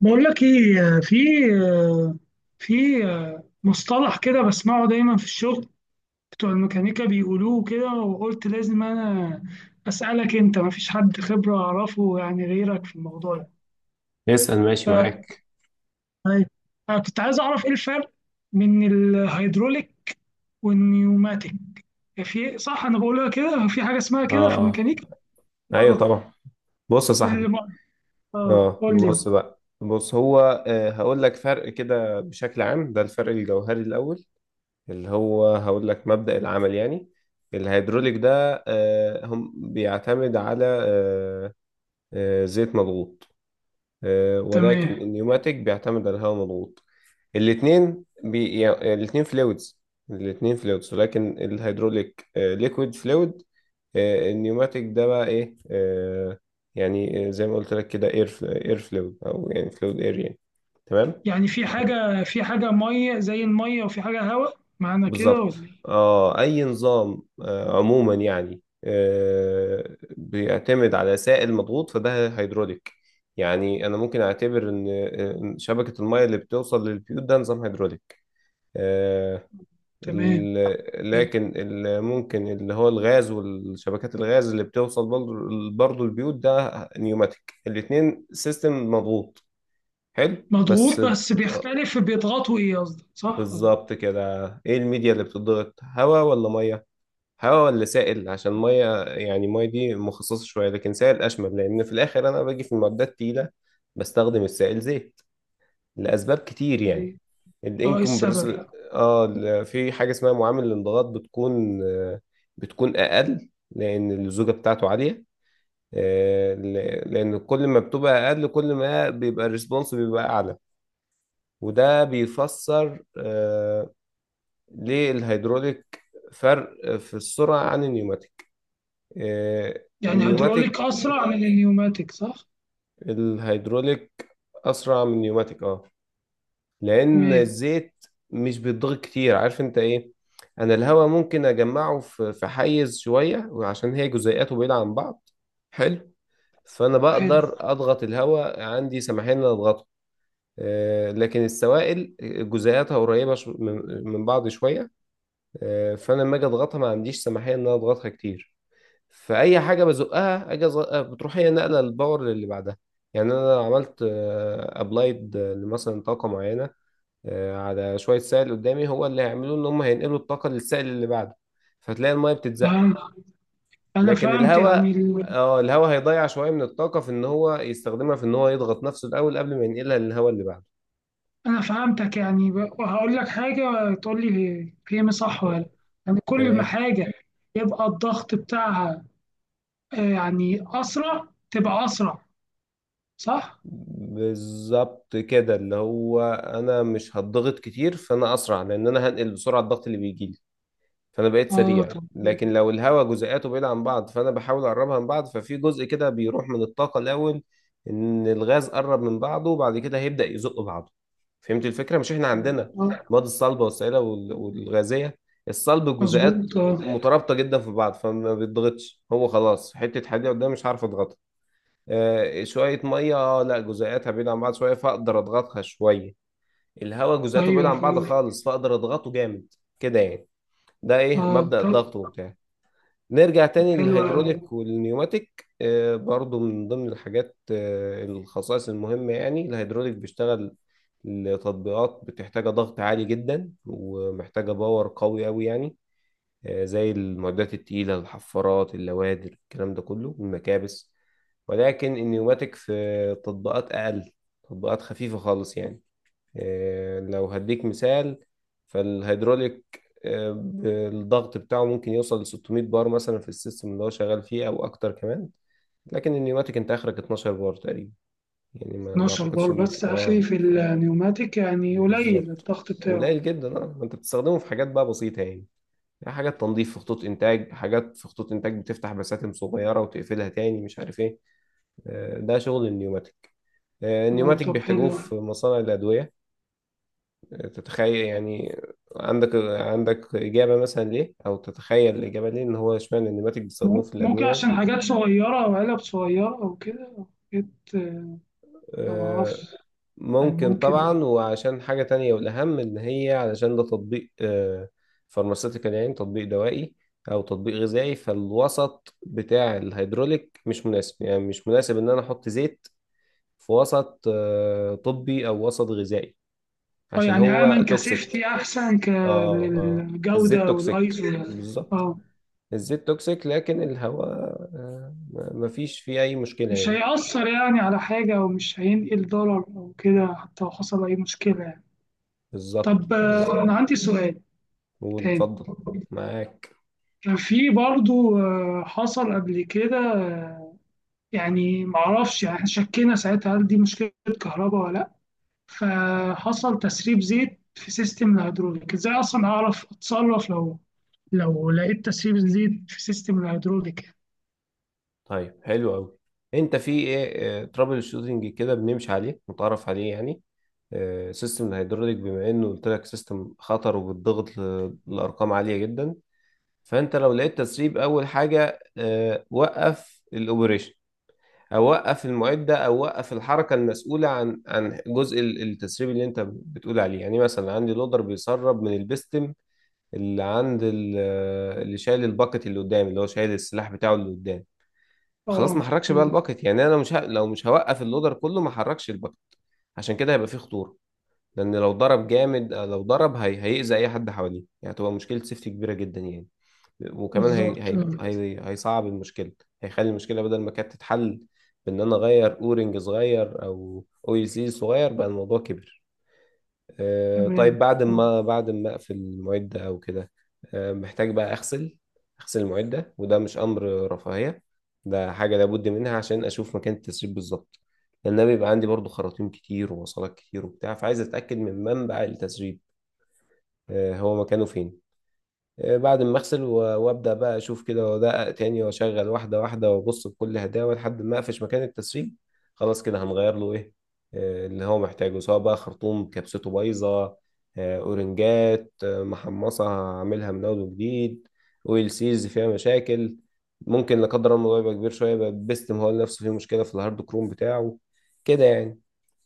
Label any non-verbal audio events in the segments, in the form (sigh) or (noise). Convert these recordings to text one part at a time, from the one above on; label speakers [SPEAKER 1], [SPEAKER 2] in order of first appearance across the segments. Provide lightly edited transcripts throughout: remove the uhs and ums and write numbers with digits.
[SPEAKER 1] بقول لك ايه في مصطلح كده بسمعه دايما في الشغل، بتوع الميكانيكا بيقولوه كده، وقلت لازم انا اسالك انت، ما فيش حد خبره اعرفه يعني غيرك في الموضوع ده.
[SPEAKER 2] اسأل. ماشي
[SPEAKER 1] ف-
[SPEAKER 2] معاك.
[SPEAKER 1] أيوة. أنا كنت عايز اعرف ايه الفرق بين الهيدروليك والنيوماتيك. في صح انا بقولها كده، في حاجه اسمها كده في
[SPEAKER 2] اه.
[SPEAKER 1] الميكانيكا؟
[SPEAKER 2] اه ايوه
[SPEAKER 1] غلط
[SPEAKER 2] طبعا. بص يا
[SPEAKER 1] في
[SPEAKER 2] صاحبي.
[SPEAKER 1] الم... اه
[SPEAKER 2] اه
[SPEAKER 1] قول لي.
[SPEAKER 2] بص بقى بص هو آه، هقول لك فرق كده بشكل عام. ده الفرق الجوهري الاول، اللي هو هقول لك مبدأ العمل يعني. الهيدروليك ده هم بيعتمد على زيت مضغوط، ولكن
[SPEAKER 1] تمام.
[SPEAKER 2] النيوماتيك بيعتمد على الهواء مضغوط. يعني الاثنين فلويدز، الاثنين فلويدز، ولكن الهيدروليك ليكويد فلويد. النيوماتيك ده بقى ايه؟ يعني زي ما قلت لك كده اير اير فلويد او يعني فلويد اير يعني. تمام.
[SPEAKER 1] يعني في حاجة مية زي المية، وفي حاجة هواء، معنى كده ولا
[SPEAKER 2] بالظبط.
[SPEAKER 1] إيه؟
[SPEAKER 2] اه اي نظام عموما يعني بيعتمد على سائل مضغوط فده هيدروليك. يعني انا ممكن اعتبر ان إن شبكه الميه اللي بتوصل للبيوت ده نظام هيدروليك. آه.
[SPEAKER 1] تمام. حلو.
[SPEAKER 2] لكن اللي ممكن اللي هو الغاز والشبكات الغاز اللي بتوصل برضه، برضه البيوت ده نيوماتيك. الاتنين سيستم مضغوط. حلو بس.
[SPEAKER 1] مضغوط بس
[SPEAKER 2] آه،
[SPEAKER 1] بيختلف، بيضغطوا إيه قصدك، صح ولا
[SPEAKER 2] بالظبط كده. ايه الميديا اللي بتضغط؟ هواء ولا ميه؟ هواء ولا سائل؟ عشان ميه يعني، ميه دي مخصصة شوية، لكن سائل أشمل لأن في الآخر أنا باجي في المعدات تقيلة بستخدم السائل زيت لأسباب كتير يعني.
[SPEAKER 1] إيه؟ أه، إيه السبب
[SPEAKER 2] الانكمبرسبل
[SPEAKER 1] بقى؟
[SPEAKER 2] اه في حاجه اسمها معامل الانضغاط بتكون بتكون اقل لان اللزوجه بتاعته عاليه. آه، ل- لان كل ما بتبقى اقل كل ما بيبقى الريسبونس بيبقى اعلى. وده بيفسر ليه الهيدروليك فرق في السرعه عن النيوماتيك. آه،
[SPEAKER 1] يعني هيدروليك
[SPEAKER 2] النيوماتيك
[SPEAKER 1] أسرع من النيوماتيك صح؟
[SPEAKER 2] الهيدروليك اسرع من النيوماتيك اه. لان
[SPEAKER 1] تمام.
[SPEAKER 2] الزيت مش بيتضغط كتير. عارف انت ايه؟ انا الهواء ممكن اجمعه في حيز شويه، وعشان هي جزيئاته بعيده عن بعض. حلو. فانا
[SPEAKER 1] حلو.
[SPEAKER 2] بقدر اضغط الهواء، عندي سماحين ان أنا اضغطه. لكن السوائل جزيئاتها قريبه من بعض شويه. فانا لما اجي اضغطها ما عنديش سماحيه ان انا اضغطها كتير. فاي حاجه بزقها اجي أزقها بتروح هي نقله الباور اللي بعدها. يعني انا لو عملت ابلايد لمثلا طاقه معينه على شوية سائل قدامي، هو اللي هيعملوه ان هم هينقلوا الطاقة للسائل اللي بعده. فتلاقي المية بتتزق.
[SPEAKER 1] فهم- أنا
[SPEAKER 2] لكن
[SPEAKER 1] فهمت يعني
[SPEAKER 2] الهواء، اه الهواء هيضيع شوية من الطاقة في ان هو يستخدمها في ان هو يضغط نفسه الاول قبل ما ينقلها للهواء اللي بعده.
[SPEAKER 1] أنا فهمتك. يعني وهقول لك حاجة تقول لي فهم صح ولا لأ. يعني كل ما
[SPEAKER 2] تمام.
[SPEAKER 1] حاجة يبقى الضغط بتاعها آه، يعني أسرع، تبقى أسرع صح؟
[SPEAKER 2] بالظبط كده. اللي هو انا مش هتضغط كتير فانا اسرع، لان انا هنقل بسرعة الضغط اللي بيجيلي. فانا بقيت
[SPEAKER 1] أه
[SPEAKER 2] سريع.
[SPEAKER 1] طب.
[SPEAKER 2] لكن لو الهواء جزيئاته بعيدة عن بعض، فانا بحاول اقربها من بعض، ففي جزء كده بيروح من الطاقة الاول، ان الغاز قرب من بعضه وبعد كده هيبدأ يزق بعضه. فهمت الفكرة؟ مش احنا عندنا
[SPEAKER 1] اه
[SPEAKER 2] المواد الصلبة والسائلة والغازية؟ الصلب الجزيئات
[SPEAKER 1] مظبوط اه.
[SPEAKER 2] مترابطة جدا في بعض، فما بيتضغطش. هو خلاص حتة حديدة قدام مش هعرف اضغطها. شوية مية لا، جزيئاتها بعيدة عن بعض شوية فاقدر اضغطها شوية. الهواء جزيئاته بعيدة
[SPEAKER 1] ايوه
[SPEAKER 2] عن بعض
[SPEAKER 1] فهمت.
[SPEAKER 2] خالص فاقدر اضغطه جامد. كده يعني. ده ايه
[SPEAKER 1] اه
[SPEAKER 2] مبدأ
[SPEAKER 1] طب.
[SPEAKER 2] الضغط وبتاع. نرجع
[SPEAKER 1] طب
[SPEAKER 2] تاني
[SPEAKER 1] حلو أوي.
[SPEAKER 2] للهيدروليك والنيوماتيك. برضو من ضمن الحاجات الخصائص المهمة، يعني الهيدروليك بيشتغل لتطبيقات بتحتاج ضغط عالي جدا ومحتاجة باور قوي قوي يعني. زي المعدات التقيلة، الحفارات، اللوادر، الكلام ده كله، المكابس. ولكن النيوماتيك في تطبيقات أقل، تطبيقات خفيفة خالص يعني. لو هديك مثال، فالهيدروليك الضغط بتاعه ممكن يوصل ل 600 بار مثلا في السيستم اللي هو شغال فيه او اكتر كمان. لكن النيوماتيك انت اخرك 12 بار تقريبا. يعني ما
[SPEAKER 1] 12
[SPEAKER 2] اعتقدش
[SPEAKER 1] بار
[SPEAKER 2] ان
[SPEAKER 1] بس
[SPEAKER 2] في
[SPEAKER 1] اخري
[SPEAKER 2] اه.
[SPEAKER 1] في النيوماتيك، يعني قليل
[SPEAKER 2] بالظبط.
[SPEAKER 1] الضغط بتاعه.
[SPEAKER 2] قليل جدا اه. ما انت بتستخدمه في حاجات بقى بسيطة يعني. حاجات تنظيف في خطوط انتاج، حاجات في خطوط انتاج بتفتح بساتم صغيرة وتقفلها تاني مش عارف ايه. ده شغل النيوماتيك.
[SPEAKER 1] اه
[SPEAKER 2] النيوماتيك
[SPEAKER 1] طب
[SPEAKER 2] بيحتاجوه
[SPEAKER 1] حلو.
[SPEAKER 2] في مصانع الادوية. تتخيل يعني؟ عندك عندك إجابة مثلا ليه؟ أو تتخيل الإجابة ليه إن هو اشمعنى النباتك بيستخدموه في
[SPEAKER 1] ممكن
[SPEAKER 2] الأدوية؟
[SPEAKER 1] عشان حاجات صغيرة او علب صغيرة او كده أو حاجات آه، أنا ما
[SPEAKER 2] آه،
[SPEAKER 1] اعرفش. يعني
[SPEAKER 2] ممكن
[SPEAKER 1] ممكن.
[SPEAKER 2] طبعا، وعشان حاجة تانية والأهم، إن هي علشان ده تطبيق فارماسيتيكال يعني تطبيق دوائي أو تطبيق غذائي. فالوسط بتاع الهيدروليك مش مناسب، يعني مش مناسب إن أنا أحط زيت في وسط طبي أو وسط غذائي
[SPEAKER 1] اه
[SPEAKER 2] عشان
[SPEAKER 1] يعني امن
[SPEAKER 2] هو توكسيك.
[SPEAKER 1] كسيفتي احسن ك
[SPEAKER 2] اه اه. الزيت
[SPEAKER 1] للجودة
[SPEAKER 2] توكسيك.
[SPEAKER 1] والايزو يعني.
[SPEAKER 2] بالظبط.
[SPEAKER 1] اه،
[SPEAKER 2] الزيت توكسيك. لكن الهواء مفيش فيه أي مشكلة
[SPEAKER 1] مش
[SPEAKER 2] يعني.
[SPEAKER 1] هيأثر يعني على حاجة، أو مش هينقل ضرر أو كده، حتى لو حصل أي مشكلة يعني.
[SPEAKER 2] بالظبط
[SPEAKER 1] طب
[SPEAKER 2] بالظبط.
[SPEAKER 1] آه، أنا عندي سؤال
[SPEAKER 2] قول
[SPEAKER 1] تاني.
[SPEAKER 2] اتفضل. معاك.
[SPEAKER 1] في برضو آه، حصل قبل كده آه، يعني معرفش، يعني إحنا شكينا ساعتها هل دي مشكلة كهرباء ولا لأ، فحصل تسريب زيت في سيستم الهيدروليك. ازاي أصلا أعرف أتصرف لو لقيت تسريب زيت في سيستم الهيدروليك؟
[SPEAKER 2] طيب حلو أوي. أنت في إيه ترابل شوتنج كده بنمشي عليه متعرف عليه يعني. سيستم الهيدروليك بما إنه قلت لك سيستم خطر وبتضغط لأرقام عالية جدا، فأنت لو لقيت تسريب أول حاجة وقف الأوبريشن. اوقف المعده، ده اوقف الحركه المسؤوله عن جزء التسريب اللي انت بتقول عليه. يعني مثلا عندي لودر بيسرب من البستم اللي عند اللي شايل الباكت اللي قدامي، اللي هو شايل السلاح بتاعه اللي قدام. خلاص
[SPEAKER 1] اه
[SPEAKER 2] ما حركش بقى
[SPEAKER 1] تمام.
[SPEAKER 2] الباكت، يعني انا مش ه... لو مش هوقف اللودر كله، ما حركش الباكت. عشان كده هيبقى فيه خطوره، لان لو ضرب جامد، لو ضرب هيأذي اي حد حواليه، يعني هتبقى مشكله سيفتي كبيره جدا يعني. وكمان هي
[SPEAKER 1] بالظبط
[SPEAKER 2] هي
[SPEAKER 1] آه،
[SPEAKER 2] هي هيصعب المشكله، هيخلي المشكله بدل ما كانت تتحل بان انا اغير اورنج صغير او يو سي صغير بقى الموضوع كبر.
[SPEAKER 1] تمام
[SPEAKER 2] طيب
[SPEAKER 1] آه،
[SPEAKER 2] بعد ما اقفل المعده او كده، محتاج بقى اغسل المعده، وده مش امر رفاهيه، ده حاجه لابد منها عشان اشوف مكان التسريب بالظبط. لان أنا بيبقى عندي برضو خراطيم كتير ووصلات كتير وبتاع، فعايز اتاكد من منبع التسريب هو مكانه فين. بعد ما اغسل وابدا بقى اشوف كده وادقق تاني واشغل واحده واحده وابص بكل هداوه لحد ما اقفش مكان التسريب. خلاص كده هنغير له ايه اللي هو محتاجه، سواء بقى خرطوم كبسته بايظه، اورنجات محمصه هعملها من اول وجديد، اويل سيز فيها مشاكل. ممكن لا قدر الله الموضوع يبقى كبير شويه، يبقى بيستم هو نفسه فيه مشكله في الهارد كروم بتاعه، كده يعني.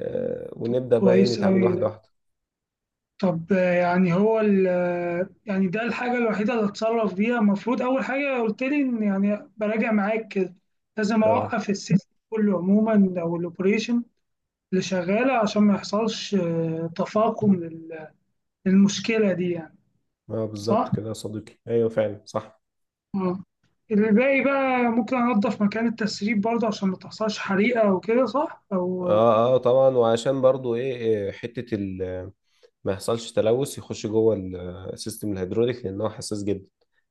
[SPEAKER 2] ونبدا بقى ايه
[SPEAKER 1] كويس
[SPEAKER 2] نتعامل واحده
[SPEAKER 1] أوي.
[SPEAKER 2] واحده.
[SPEAKER 1] طب آه، يعني هو ال آه، يعني ده الحاجة الوحيدة اللي اتصرف بيها المفروض، أول حاجة قلت لي إن يعني براجع معاك كده، لازم
[SPEAKER 2] اه.
[SPEAKER 1] أوقف السيستم كله عموما أو الأوبريشن اللي شغالة، عشان ما يحصلش آه، تفاقم للمشكلة دي يعني،
[SPEAKER 2] اه بالظبط
[SPEAKER 1] صح؟
[SPEAKER 2] كده يا صديقي، ايوه فعلا صح.
[SPEAKER 1] آه. الباقي بقى ممكن أنظف مكان التسريب برضه عشان ما تحصلش حريقة وكده، صح؟ أو آه،
[SPEAKER 2] اه اه طبعا، وعشان برضو ايه، إيه، حتة ما يحصلش تلوث يخش جوه السيستم الهيدروليك، لان هو حساس جدا.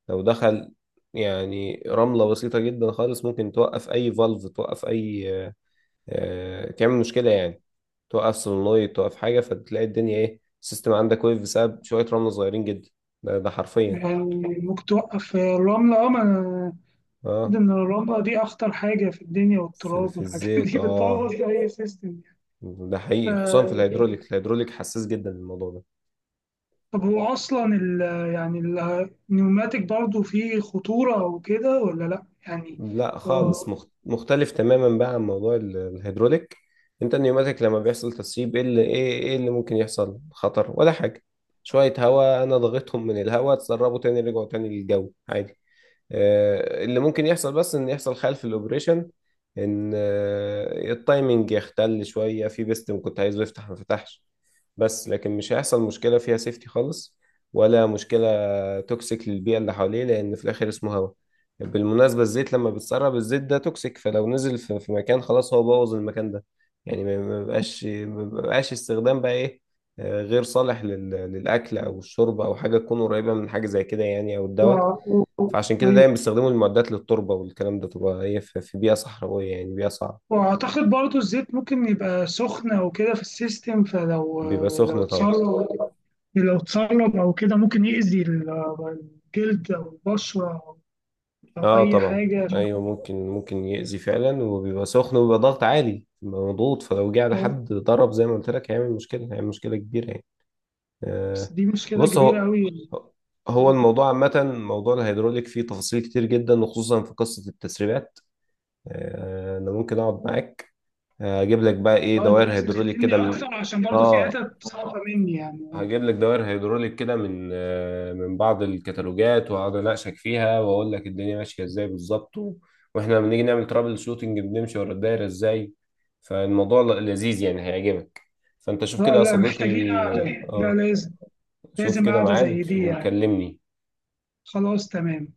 [SPEAKER 2] لو دخل يعني رملة بسيطة جدا خالص ممكن توقف اي فالف، توقف اي آه، تعمل مشكلة يعني. توقف solenoid، توقف حاجة، فتلاقي الدنيا ايه؟ السيستم عندك وقف بسبب شوية رملة صغيرين جدا. ده حرفيا.
[SPEAKER 1] يعني ممكن توقف الرملة، أه المفروض
[SPEAKER 2] اه
[SPEAKER 1] إن الرملة دي أخطر حاجة في الدنيا،
[SPEAKER 2] في،
[SPEAKER 1] والتراب والحاجات
[SPEAKER 2] الزيت
[SPEAKER 1] دي (laughs) بتبوظ
[SPEAKER 2] اه.
[SPEAKER 1] أي سيستم يعني.
[SPEAKER 2] ده حقيقي، خصوصا في الهيدروليك.
[SPEAKER 1] ف-
[SPEAKER 2] الهيدروليك حساس جدا للموضوع ده.
[SPEAKER 1] طب هو أصلا ال يعني النيوماتيك برضو فيه خطورة وكده ولا لأ؟ يعني
[SPEAKER 2] لا
[SPEAKER 1] ط-
[SPEAKER 2] خالص،
[SPEAKER 1] و-
[SPEAKER 2] مختلف تماما بقى عن موضوع الهيدروليك. انت النيوماتيك لما بيحصل تسريب، ايه اللي ايه ايه اللي ممكن يحصل؟ خطر ولا حاجه؟ شويه هواء انا ضغطهم من الهواء، اتسربوا تاني رجعوا تاني للجو عادي. اللي ممكن يحصل بس ان يحصل خلل في الاوبريشن، ان التايمنج يختل شويه في بيستم كنت عايزه يفتح ما فتحش. بس لكن مش هيحصل مشكله فيها سيفتي خالص، ولا مشكله توكسيك للبيئة اللي حواليه، لأن في الآخر اسمه هواء. بالمناسبة الزيت لما بتسرب الزيت، ده توكسيك، فلو نزل في مكان خلاص هو بوظ المكان ده، يعني ما بقاش، ما بقاش استخدام بقى إيه، غير صالح للأكل أو الشرب أو حاجة تكون قريبة من حاجة زي كده يعني، أو الدواء.
[SPEAKER 1] و-
[SPEAKER 2] فعشان كده دايما
[SPEAKER 1] أيوة.
[SPEAKER 2] بيستخدموا المعدات للتربة والكلام ده، تبقى هي في بيئة صحراوية يعني بيئة صعبة.
[SPEAKER 1] وأعتقد برضو الزيت ممكن يبقى سخنة وكده في السيستم، فلو
[SPEAKER 2] بيبقى
[SPEAKER 1] لو
[SPEAKER 2] سخن طبعا.
[SPEAKER 1] اتسرب لو اتسرب أو كده ممكن يأذي الجلد أو البشرة أو
[SPEAKER 2] اه
[SPEAKER 1] أي
[SPEAKER 2] طبعا،
[SPEAKER 1] حاجة.
[SPEAKER 2] ايوه ممكن ممكن يأذي فعلا، وبيبقى سخن وبيبقى ضغط عالي، بيبقى مضغوط، فلو جه على حد ضرب زي ما قلت لك هيعمل مشكله، هيعمل مشكله كبيره يعني.
[SPEAKER 1] بس
[SPEAKER 2] آه.
[SPEAKER 1] دي مشكلة
[SPEAKER 2] بص
[SPEAKER 1] كبيرة
[SPEAKER 2] هو،
[SPEAKER 1] أوي.
[SPEAKER 2] هو الموضوع عامه موضوع الهيدروليك فيه تفاصيل كتير جدا، وخصوصا في قصه التسريبات. آه انا ممكن اقعد معاك اجيب لك بقى ايه
[SPEAKER 1] اه انت
[SPEAKER 2] دوائر
[SPEAKER 1] لازم
[SPEAKER 2] هيدروليك
[SPEAKER 1] تفهم لي
[SPEAKER 2] كده من.
[SPEAKER 1] اكتر عشان برضو في
[SPEAKER 2] اه
[SPEAKER 1] حتت صعبة مني يعني. اه
[SPEAKER 2] هجيب لك دوائر هيدروليك كده من من بعض الكتالوجات، واقعد اناقشك فيها واقول لك الدنيا ماشيه ازاي بالظبط، واحنا لما بنيجي نعمل ترابل شوتنج بنمشي ورا الدايره ازاي. فالموضوع لذيذ يعني هيعجبك. فانت شوف كده
[SPEAKER 1] لا
[SPEAKER 2] يا
[SPEAKER 1] لا،
[SPEAKER 2] صديقي.
[SPEAKER 1] محتاجين قعدة. لا
[SPEAKER 2] اه
[SPEAKER 1] لازم.
[SPEAKER 2] شوف
[SPEAKER 1] لازم
[SPEAKER 2] كده
[SPEAKER 1] قعدة زي
[SPEAKER 2] ميعاد
[SPEAKER 1] دي يعني.
[SPEAKER 2] وكلمني.
[SPEAKER 1] خلاص تمام.